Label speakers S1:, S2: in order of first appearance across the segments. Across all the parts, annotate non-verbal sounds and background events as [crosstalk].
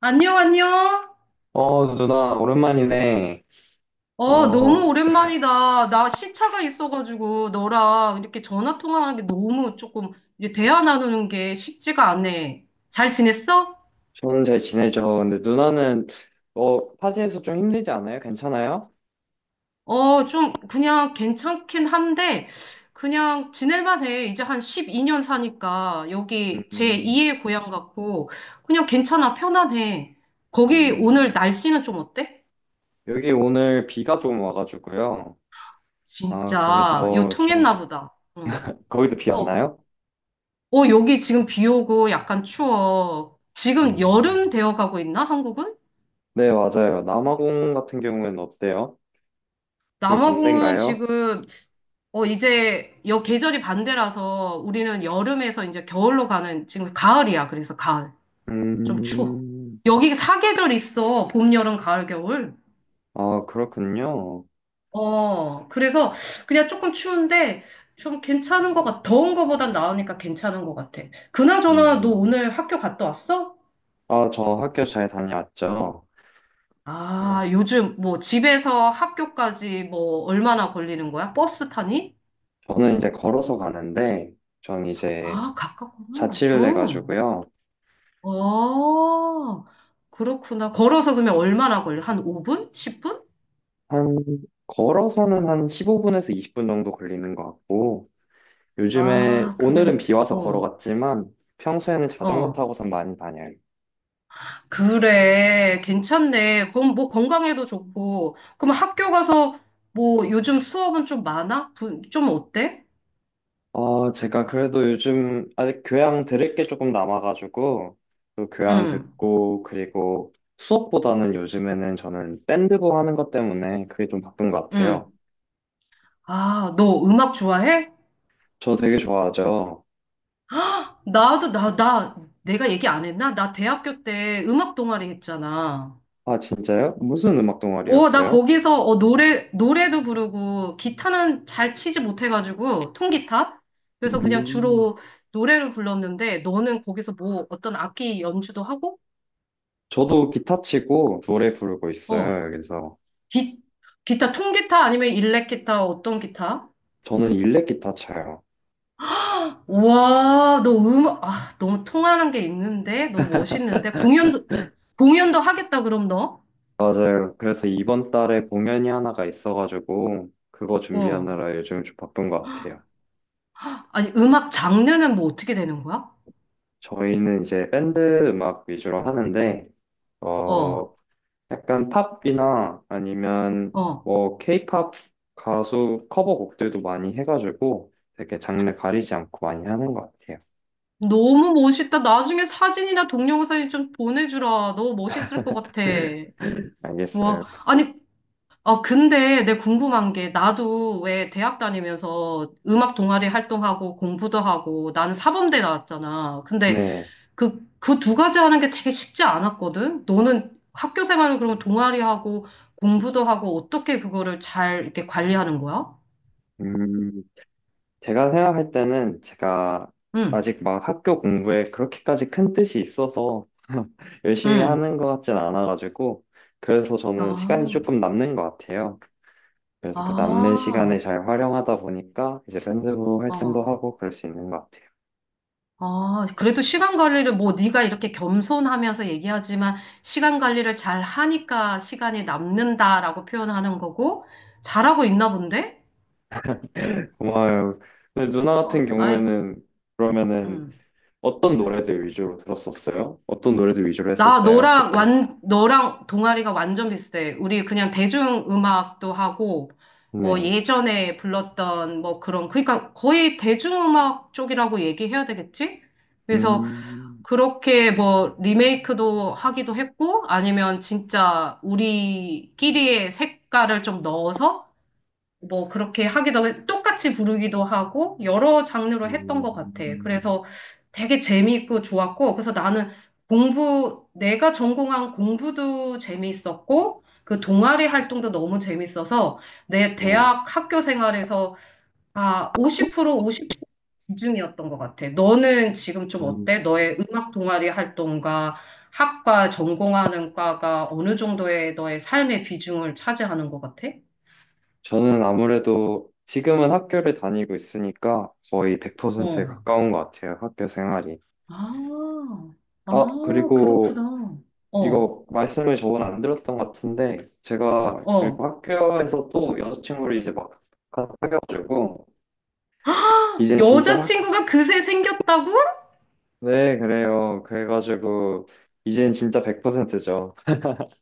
S1: 안녕, 안녕.
S2: 어, 누나, 오랜만이네.
S1: 어,
S2: 어,
S1: 너무 오랜만이다. 나 시차가 있어가지고 너랑 이렇게 전화 통화하는 게 너무 조금 이제 대화 나누는 게 쉽지가 않네. 잘 지냈어?
S2: 저는 잘 지내죠. 근데 누나는, 파지에서 좀 힘들지 않아요? 괜찮아요?
S1: 어, 좀 그냥 괜찮긴 한데 그냥 지낼만 해. 이제 한 12년 사니까 여기
S2: 음,
S1: 제2의 고향 같고 그냥 괜찮아. 편안해. 거기 오늘
S2: 음.
S1: 날씨는 좀 어때?
S2: 여기 오늘 비가 좀 와가지고요. 아,
S1: 진짜 요
S2: 그래서 좀,
S1: 통했나 보다. 응.
S2: 거기도 비
S1: 어,
S2: 왔나요?
S1: 어, 여기 지금 비 오고 약간 추워. 지금
S2: 음.
S1: 여름 되어 가고 있나, 한국은?
S2: 네, 맞아요. 남아공 같은 경우에는 어때요? 거기
S1: 남아공은
S2: 반대인가요?
S1: 지금, 어, 이제 여 계절이 반대라서 우리는 여름에서 이제 겨울로 가는, 지금 가을이야. 그래서 가을. 좀 추워.
S2: 음,
S1: 여기 사계절 있어. 봄, 여름, 가을, 겨울.
S2: 아, 그렇군요.
S1: 어, 그래서 그냥 조금 추운데 좀 괜찮은 것 같아. 더운 거보단 나으니까 괜찮은 것 같아. 그나저나 너
S2: 음.
S1: 오늘 학교 갔다 왔어?
S2: 아, 저 학교 잘 다녀왔죠. 어,
S1: 아, 요즘 뭐 집에서 학교까지 뭐 얼마나 걸리는 거야? 버스 타니?
S2: 저는 이제 걸어서 가는데, 전 이제
S1: 아, 가깝구나.
S2: 자취를
S1: 응.
S2: 해가지고요.
S1: 어, 그렇구나. 걸어서 그러면 얼마나 걸려? 한 5분? 10분?
S2: 한, 걸어서는 한 15분에서 20분 정도 걸리는 것 같고, 요즘에,
S1: 아,
S2: 오늘은
S1: 그래.
S2: 비 와서
S1: 어,
S2: 걸어갔지만, 평소에는 자전거
S1: 어.
S2: 타고선 많이 다녀요.
S1: 그래. 괜찮네. 그럼 뭐 건강에도 좋고. 그럼 학교 가서 뭐 요즘 수업은 좀 많아? 좀 어때?
S2: 어, 제가 그래도 요즘 아직 교양 들을 게 조금 남아가지고, 또 교양
S1: 응,
S2: 듣고, 그리고 수업보다는 요즘에는 저는 밴드부 하는 것 때문에 그게 좀 바쁜 것 같아요.
S1: 응. 아, 너 음악 좋아해?
S2: 저 되게 좋아하죠.
S1: 아, 나도, 내가 얘기 안 했나? 나 대학교 때 음악 동아리 했잖아.
S2: 아, 진짜요? 무슨 음악
S1: 오, 나
S2: 동아리였어요?
S1: 거기서 어, 노래도 부르고, 기타는 잘 치지 못해가지고, 통기타? 그래서 그냥
S2: 음,
S1: 주로 노래를 불렀는데, 너는 거기서 뭐, 어떤 악기 연주도 하고?
S2: 저도 기타 치고 노래 부르고
S1: 어,
S2: 있어요, 그래서
S1: 기, 기타, 통기타 아니면 일렉기타, 어떤 기타?
S2: 저는 일렉 기타 쳐요.
S1: 와, 너 음악, 아, 너무 통하는 게 있는데? 너무 멋있는데? 공연도 하겠다, 그럼 너?
S2: 맞아요. 그래서 이번 달에 공연이 하나가 있어가지고, 그거
S1: 어.
S2: 준비하느라 요즘 좀 바쁜 것 같아요.
S1: 아니, 음악 장르는 뭐 어떻게 되는 거야?
S2: 저희는 이제 밴드 음악 위주로 하는데,
S1: 어,
S2: 어, 약간 팝이나 아니면
S1: 어.
S2: 뭐 케이팝 가수 커버곡들도 많이 해가지고, 되게 장르 가리지 않고 많이 하는 것 같아요.
S1: 너무 멋있다. 나중에 사진이나 동영상이 좀 보내주라. 너무 멋있을 것 같아.
S2: 알겠어요.
S1: 와, 아니, 아, 근데 내 궁금한 게, 나도 왜 대학 다니면서 음악 동아리 활동하고 공부도 하고, 나는 사범대 나왔잖아. 근데
S2: 네.
S1: 그 두 가지 하는 게 되게 쉽지 않았거든? 너는 학교 생활을 그러면 동아리하고 공부도 하고, 어떻게 그거를 잘 이렇게 관리하는 거야?
S2: 음, 제가 생각할 때는 제가
S1: 응,
S2: 아직 막 학교 공부에 그렇게까지 큰 뜻이 있어서 [laughs] 열심히
S1: 응.
S2: 하는 것 같진 않아가지고 그래서 저는 시간이
S1: 아.
S2: 조금 남는 것 같아요. 그래서 그 남는 시간을
S1: 아,
S2: 잘 활용하다 보니까 이제 밴드부 활동도
S1: 어,
S2: 하고 그럴 수 있는 것 같아요.
S1: 아, 그래도 시간 관리를 뭐 네가 이렇게 겸손하면서 얘기하지만 시간 관리를 잘 하니까 시간이 남는다라고 표현하는 거고 잘하고 있나 본데?
S2: 고마워요. 근데 누나 같은
S1: 어, 아이,
S2: 경우에는 그러면은
S1: 음.
S2: 어떤 노래들 위주로 들었었어요? 어떤 노래들 위주로
S1: 나
S2: 했었어요?
S1: 너랑
S2: 그때?
S1: 완 너랑 동아리가 완전 비슷해. 우리 그냥 대중 음악도 하고 뭐
S2: 네.
S1: 예전에 불렀던 뭐 그런 그러니까 거의 대중 음악 쪽이라고 얘기해야 되겠지? 그래서
S2: 음,
S1: 그렇게 뭐 리메이크도 하기도 했고 아니면 진짜 우리끼리의 색깔을 좀 넣어서 뭐 그렇게 똑같이 부르기도 하고 여러 장르로 했던 것 같아.
S2: 음,
S1: 그래서 되게 재미있고 좋았고 그래서 나는 공부 내가 전공한 공부도 재미있었고 그 동아리 활동도 너무 재밌어서 내
S2: 네.
S1: 대학 학교 생활에서 아, 50% 비중이었던 것 같아. 너는 지금 좀
S2: 음.
S1: 어때? 너의 음악 동아리 활동과 학과 전공하는 과가 어느 정도의 너의 삶의 비중을 차지하는 것 같아?
S2: 저는 아무래도 지금은 학교를 다니고 있으니까 거의 100%에
S1: 어.
S2: 가까운 것 같아요, 학교 생활이.
S1: 아,
S2: 아, 그리고
S1: 그렇구나. 어,
S2: 이거 말씀을 저번에 안 들었던 것 같은데, 제가 그리고
S1: 어.
S2: 학교에서 또 여자친구를 이제 막 사귀어가지고,
S1: [gasps]
S2: 이젠 진짜 학,
S1: 여자친구가 그새 생겼다고?
S2: 네, 그래요. 그래가지고, 이젠 진짜 100%죠.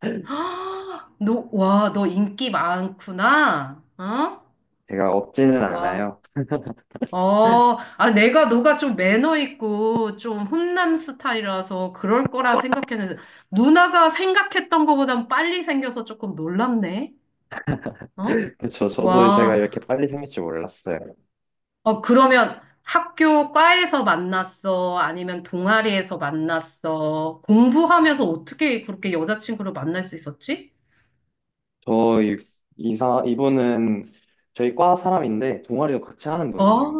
S1: [gasps] 아, 너, 와, 너 인기 많구나. 어?
S2: 제가 없지는
S1: 와,
S2: 않아요.
S1: 어, 아, 내가 너가 좀 매너 있고 좀 훈남 스타일이라서 그럴 거라 생각했는데 누나가 생각했던 것보단 빨리 생겨서 조금 놀랍네.
S2: [laughs]
S1: 어?
S2: 그죠, 저도 제가
S1: 와,
S2: 이렇게 빨리 생길 줄 몰랐어요.
S1: 어, 그러면 학교 과에서 만났어? 아니면 동아리에서 만났어? 공부하면서 어떻게 그렇게 여자친구를 만날 수 있었지?
S2: 저 이- 이사 이분은 저희 과 사람인데 동아리도 같이 하는
S1: 어.
S2: 분이에요.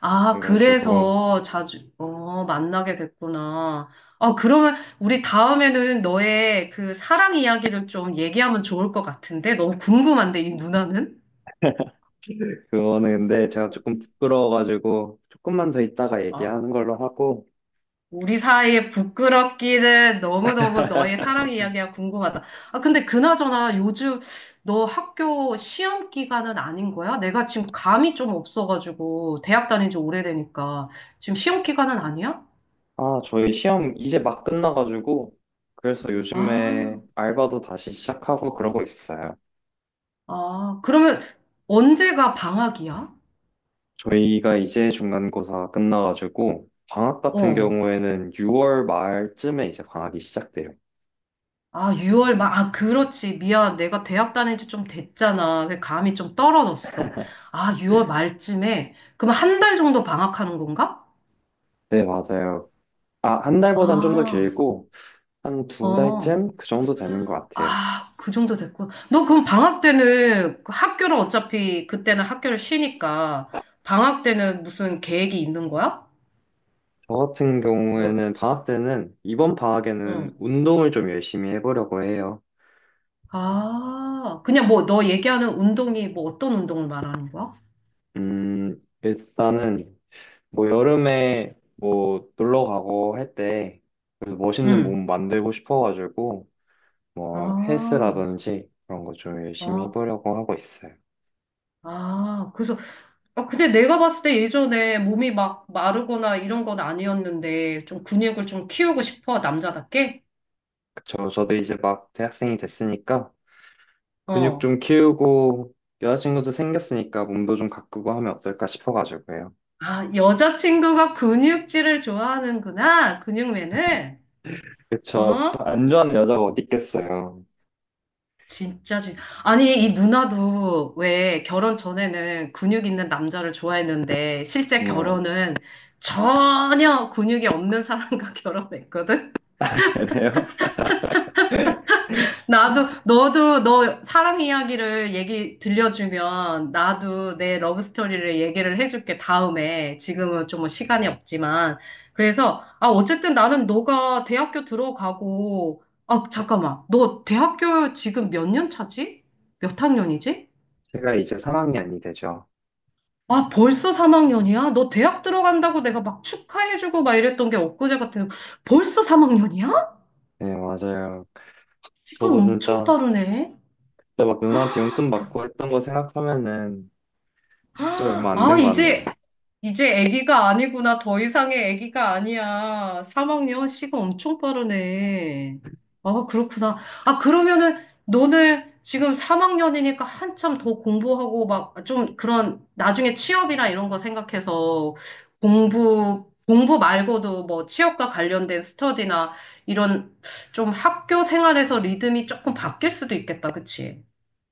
S1: 아,
S2: 그래가지고
S1: 그래서 자주, 어, 만나게 됐구나. 아, 그러면 우리 다음에는 너의 그 사랑 이야기를 좀 얘기하면 좋을 것 같은데? 너무 궁금한데, 이 누나는?
S2: 그거는데 제가
S1: 어,
S2: 조금 부끄러워가지고 조금만 더 있다가
S1: 아,
S2: 얘기하는 걸로 하고.
S1: 우리 사이의 부끄럽기는 너무너무 너의 사랑 이야기가 궁금하다. 아, 근데 그나저나 요즘 너 학교 시험 기간은 아닌 거야? 내가 지금 감이 좀 없어가지고, 대학 다닌 지 오래되니까. 지금 시험 기간은 아니야?
S2: 아, 저희 시험 이제 막 끝나가지고 그래서 요즘에
S1: 아.
S2: 알바도 다시 시작하고 그러고 있어요.
S1: 아, 그러면 언제가 방학이야?
S2: 저희가 이제 중간고사 끝나가지고 방학 같은
S1: 어.
S2: 경우에는 6월 말쯤에 이제 방학이 시작돼요.
S1: 아, 6월 말. 아, 그렇지. 미안. 내가 대학 다닌 지 좀 됐잖아. 그 감이 좀 떨어졌어. 아, 6월 말쯤에. 그럼 한 달 정도 방학하는 건가?
S2: 네, 맞아요. 아, 한 달보단 좀 더
S1: 아,
S2: 길고. 한 두
S1: 어.
S2: 달쯤 그 정도 되는 것 같아요.
S1: 아, 그 정도 됐고. 너 그럼 방학 때는 그 학교를 어차피 그때는 학교를 쉬니까 방학 때는 무슨 계획이 있는 거야?
S2: 저 같은
S1: 뭘?
S2: 경우에는 방학 때는, 이번 방학에는
S1: 응.
S2: 운동을 좀 열심히 해보려고 해요.
S1: 아, 그냥 뭐 너 얘기하는 운동이 뭐 어떤 운동을 말하는 거야?
S2: 음, 일단은 뭐 여름에 뭐 놀러 가고 할 때 멋있는
S1: 응.
S2: 몸 만들고 싶어가지고 뭐
S1: 아,
S2: 헬스라든지 그런 거 좀 열심히
S1: 아,
S2: 해보려고 하고 있어요.
S1: 아, 그래서, 아, 근데 내가 봤을 때 예전에 몸이 막 마르거나 이런 건 아니었는데, 좀 근육을 좀 키우고 싶어, 남자답게?
S2: 저도 이제 막 대학생이 됐으니까 근육
S1: 어.
S2: 좀 키우고 여자친구도 생겼으니까 몸도 좀 가꾸고 하면 어떨까 싶어가지고요.
S1: 아, 여자친구가 근육질을 좋아하는구나, 근육맨을
S2: 그쵸.
S1: 어?
S2: 안 좋아하는 여자가 어디 있겠어요.
S1: 진짜, 진 아니, 이 누나도 왜 결혼 전에는 근육 있는 남자를 좋아했는데, 실제
S2: 네.
S1: 결혼은 전혀 근육이 없는 사람과 [laughs] 결혼했거든?
S2: [laughs] 그래요?
S1: 나도, 너도, 너 사랑 이야기를 얘기 들려주면 나도 내 러브 스토리를 얘기를 해줄게, 다음에. 지금은 좀 뭐 시간이 없지만. 그래서, 아, 어쨌든 나는 너가 대학교 들어가고, 아, 잠깐만. 너 대학교 지금 몇 년 차지? 몇 학년이지?
S2: 제가 이제 3학년이 되죠.
S1: 아, 벌써 3학년이야? 너 대학 들어간다고 내가 막 축하해주고 막 이랬던 게 엊그제 같은, 벌써 3학년이야?
S2: 네, 맞아요.
S1: 시간
S2: 저도
S1: 엄청
S2: 진짜
S1: 빠르네.
S2: 그때 막 누나한테 용돈
S1: 그-
S2: 받고 했던 거 생각하면은 진짜 얼마 안
S1: 아,
S2: 된 것 같네요.
S1: 이제, 이제 아기가 아니구나. 더 이상의 아기가 아니야. 3학년 시가 엄청 빠르네. 아, 그렇구나. 아, 그러면은 너는 지금 3학년이니까 한참 더 공부하고 막 좀 그런 나중에 취업이나 이런 거 생각해서 공부 말고도 뭐 취업과 관련된 스터디나 이런 좀 학교 생활에서 리듬이 조금 바뀔 수도 있겠다. 그치?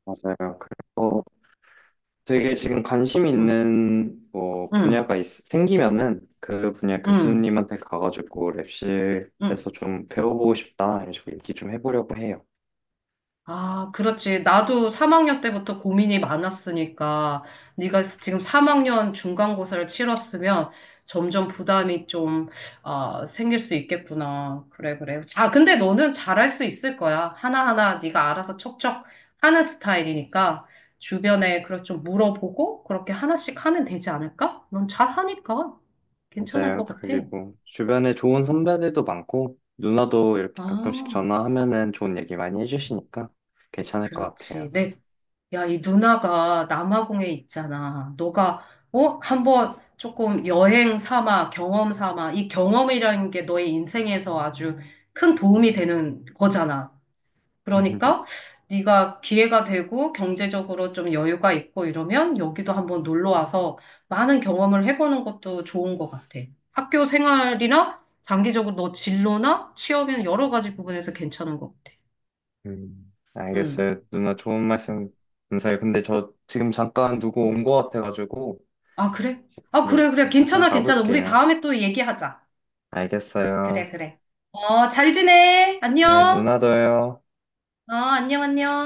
S2: 맞아요. 그래서 되게 지금 관심
S1: 응,
S2: 있는 뭐
S1: 응,
S2: 분야가 생기면은 그 분야
S1: 응,
S2: 교수님한테 가가지고
S1: 응.
S2: 랩실에서 좀 배워보고 싶다 이런 식으로 얘기 좀 해보려고 해요.
S1: 아, 그렇지. 나도 3학년 때부터 고민이 많았으니까 네가 지금 3학년 중간고사를 치렀으면 점점 부담이 좀 아, 생길 수 있겠구나. 그래, 그래. 자, 근데 너는 잘할 수 있을 거야. 하나하나 네가 알아서 척척 하는 스타일이니까 주변에 그렇게 좀 물어보고 그렇게 하나씩 하면 되지 않을까? 넌 잘하니까 괜찮을 것
S2: 맞아요.
S1: 같아.
S2: 그리고 주변에 좋은 선배들도 많고, 누나도 이렇게 가끔씩
S1: 아,
S2: 전화하면은 좋은 얘기 많이 해주시니까 괜찮을 것 같아요.
S1: 그렇지. 네, 야, 이 누나가 남아공에 있잖아. 너가, 어? 한번 조금 여행 삼아, 경험 삼아. 이 경험이라는 게 너의 인생에서 아주 큰 도움이 되는 거잖아. 그러니까
S2: [laughs]
S1: 네가 기회가 되고 경제적으로 좀 여유가 있고 이러면 여기도 한번 놀러 와서 많은 경험을 해보는 것도 좋은 것 같아. 학교 생활이나 장기적으로 너 진로나 취업이나 여러 가지 부분에서 괜찮은 것 같아. 음.
S2: 알겠어요. 누나 좋은 말씀 감사해요. 근데 저 지금 잠깐 누구 온 것 같아가지고,
S1: 아, 그래? 아,
S2: 네,
S1: 그래, 그래.
S2: 지금 잠깐
S1: 괜찮아, 괜찮아. 우리
S2: 가볼게요.
S1: 다음에 또 얘기하자. 그래,
S2: 알겠어요.
S1: 그래. 어, 잘 지내.
S2: 네,
S1: 안녕.
S2: 누나도요.
S1: 어, 안녕, 안녕.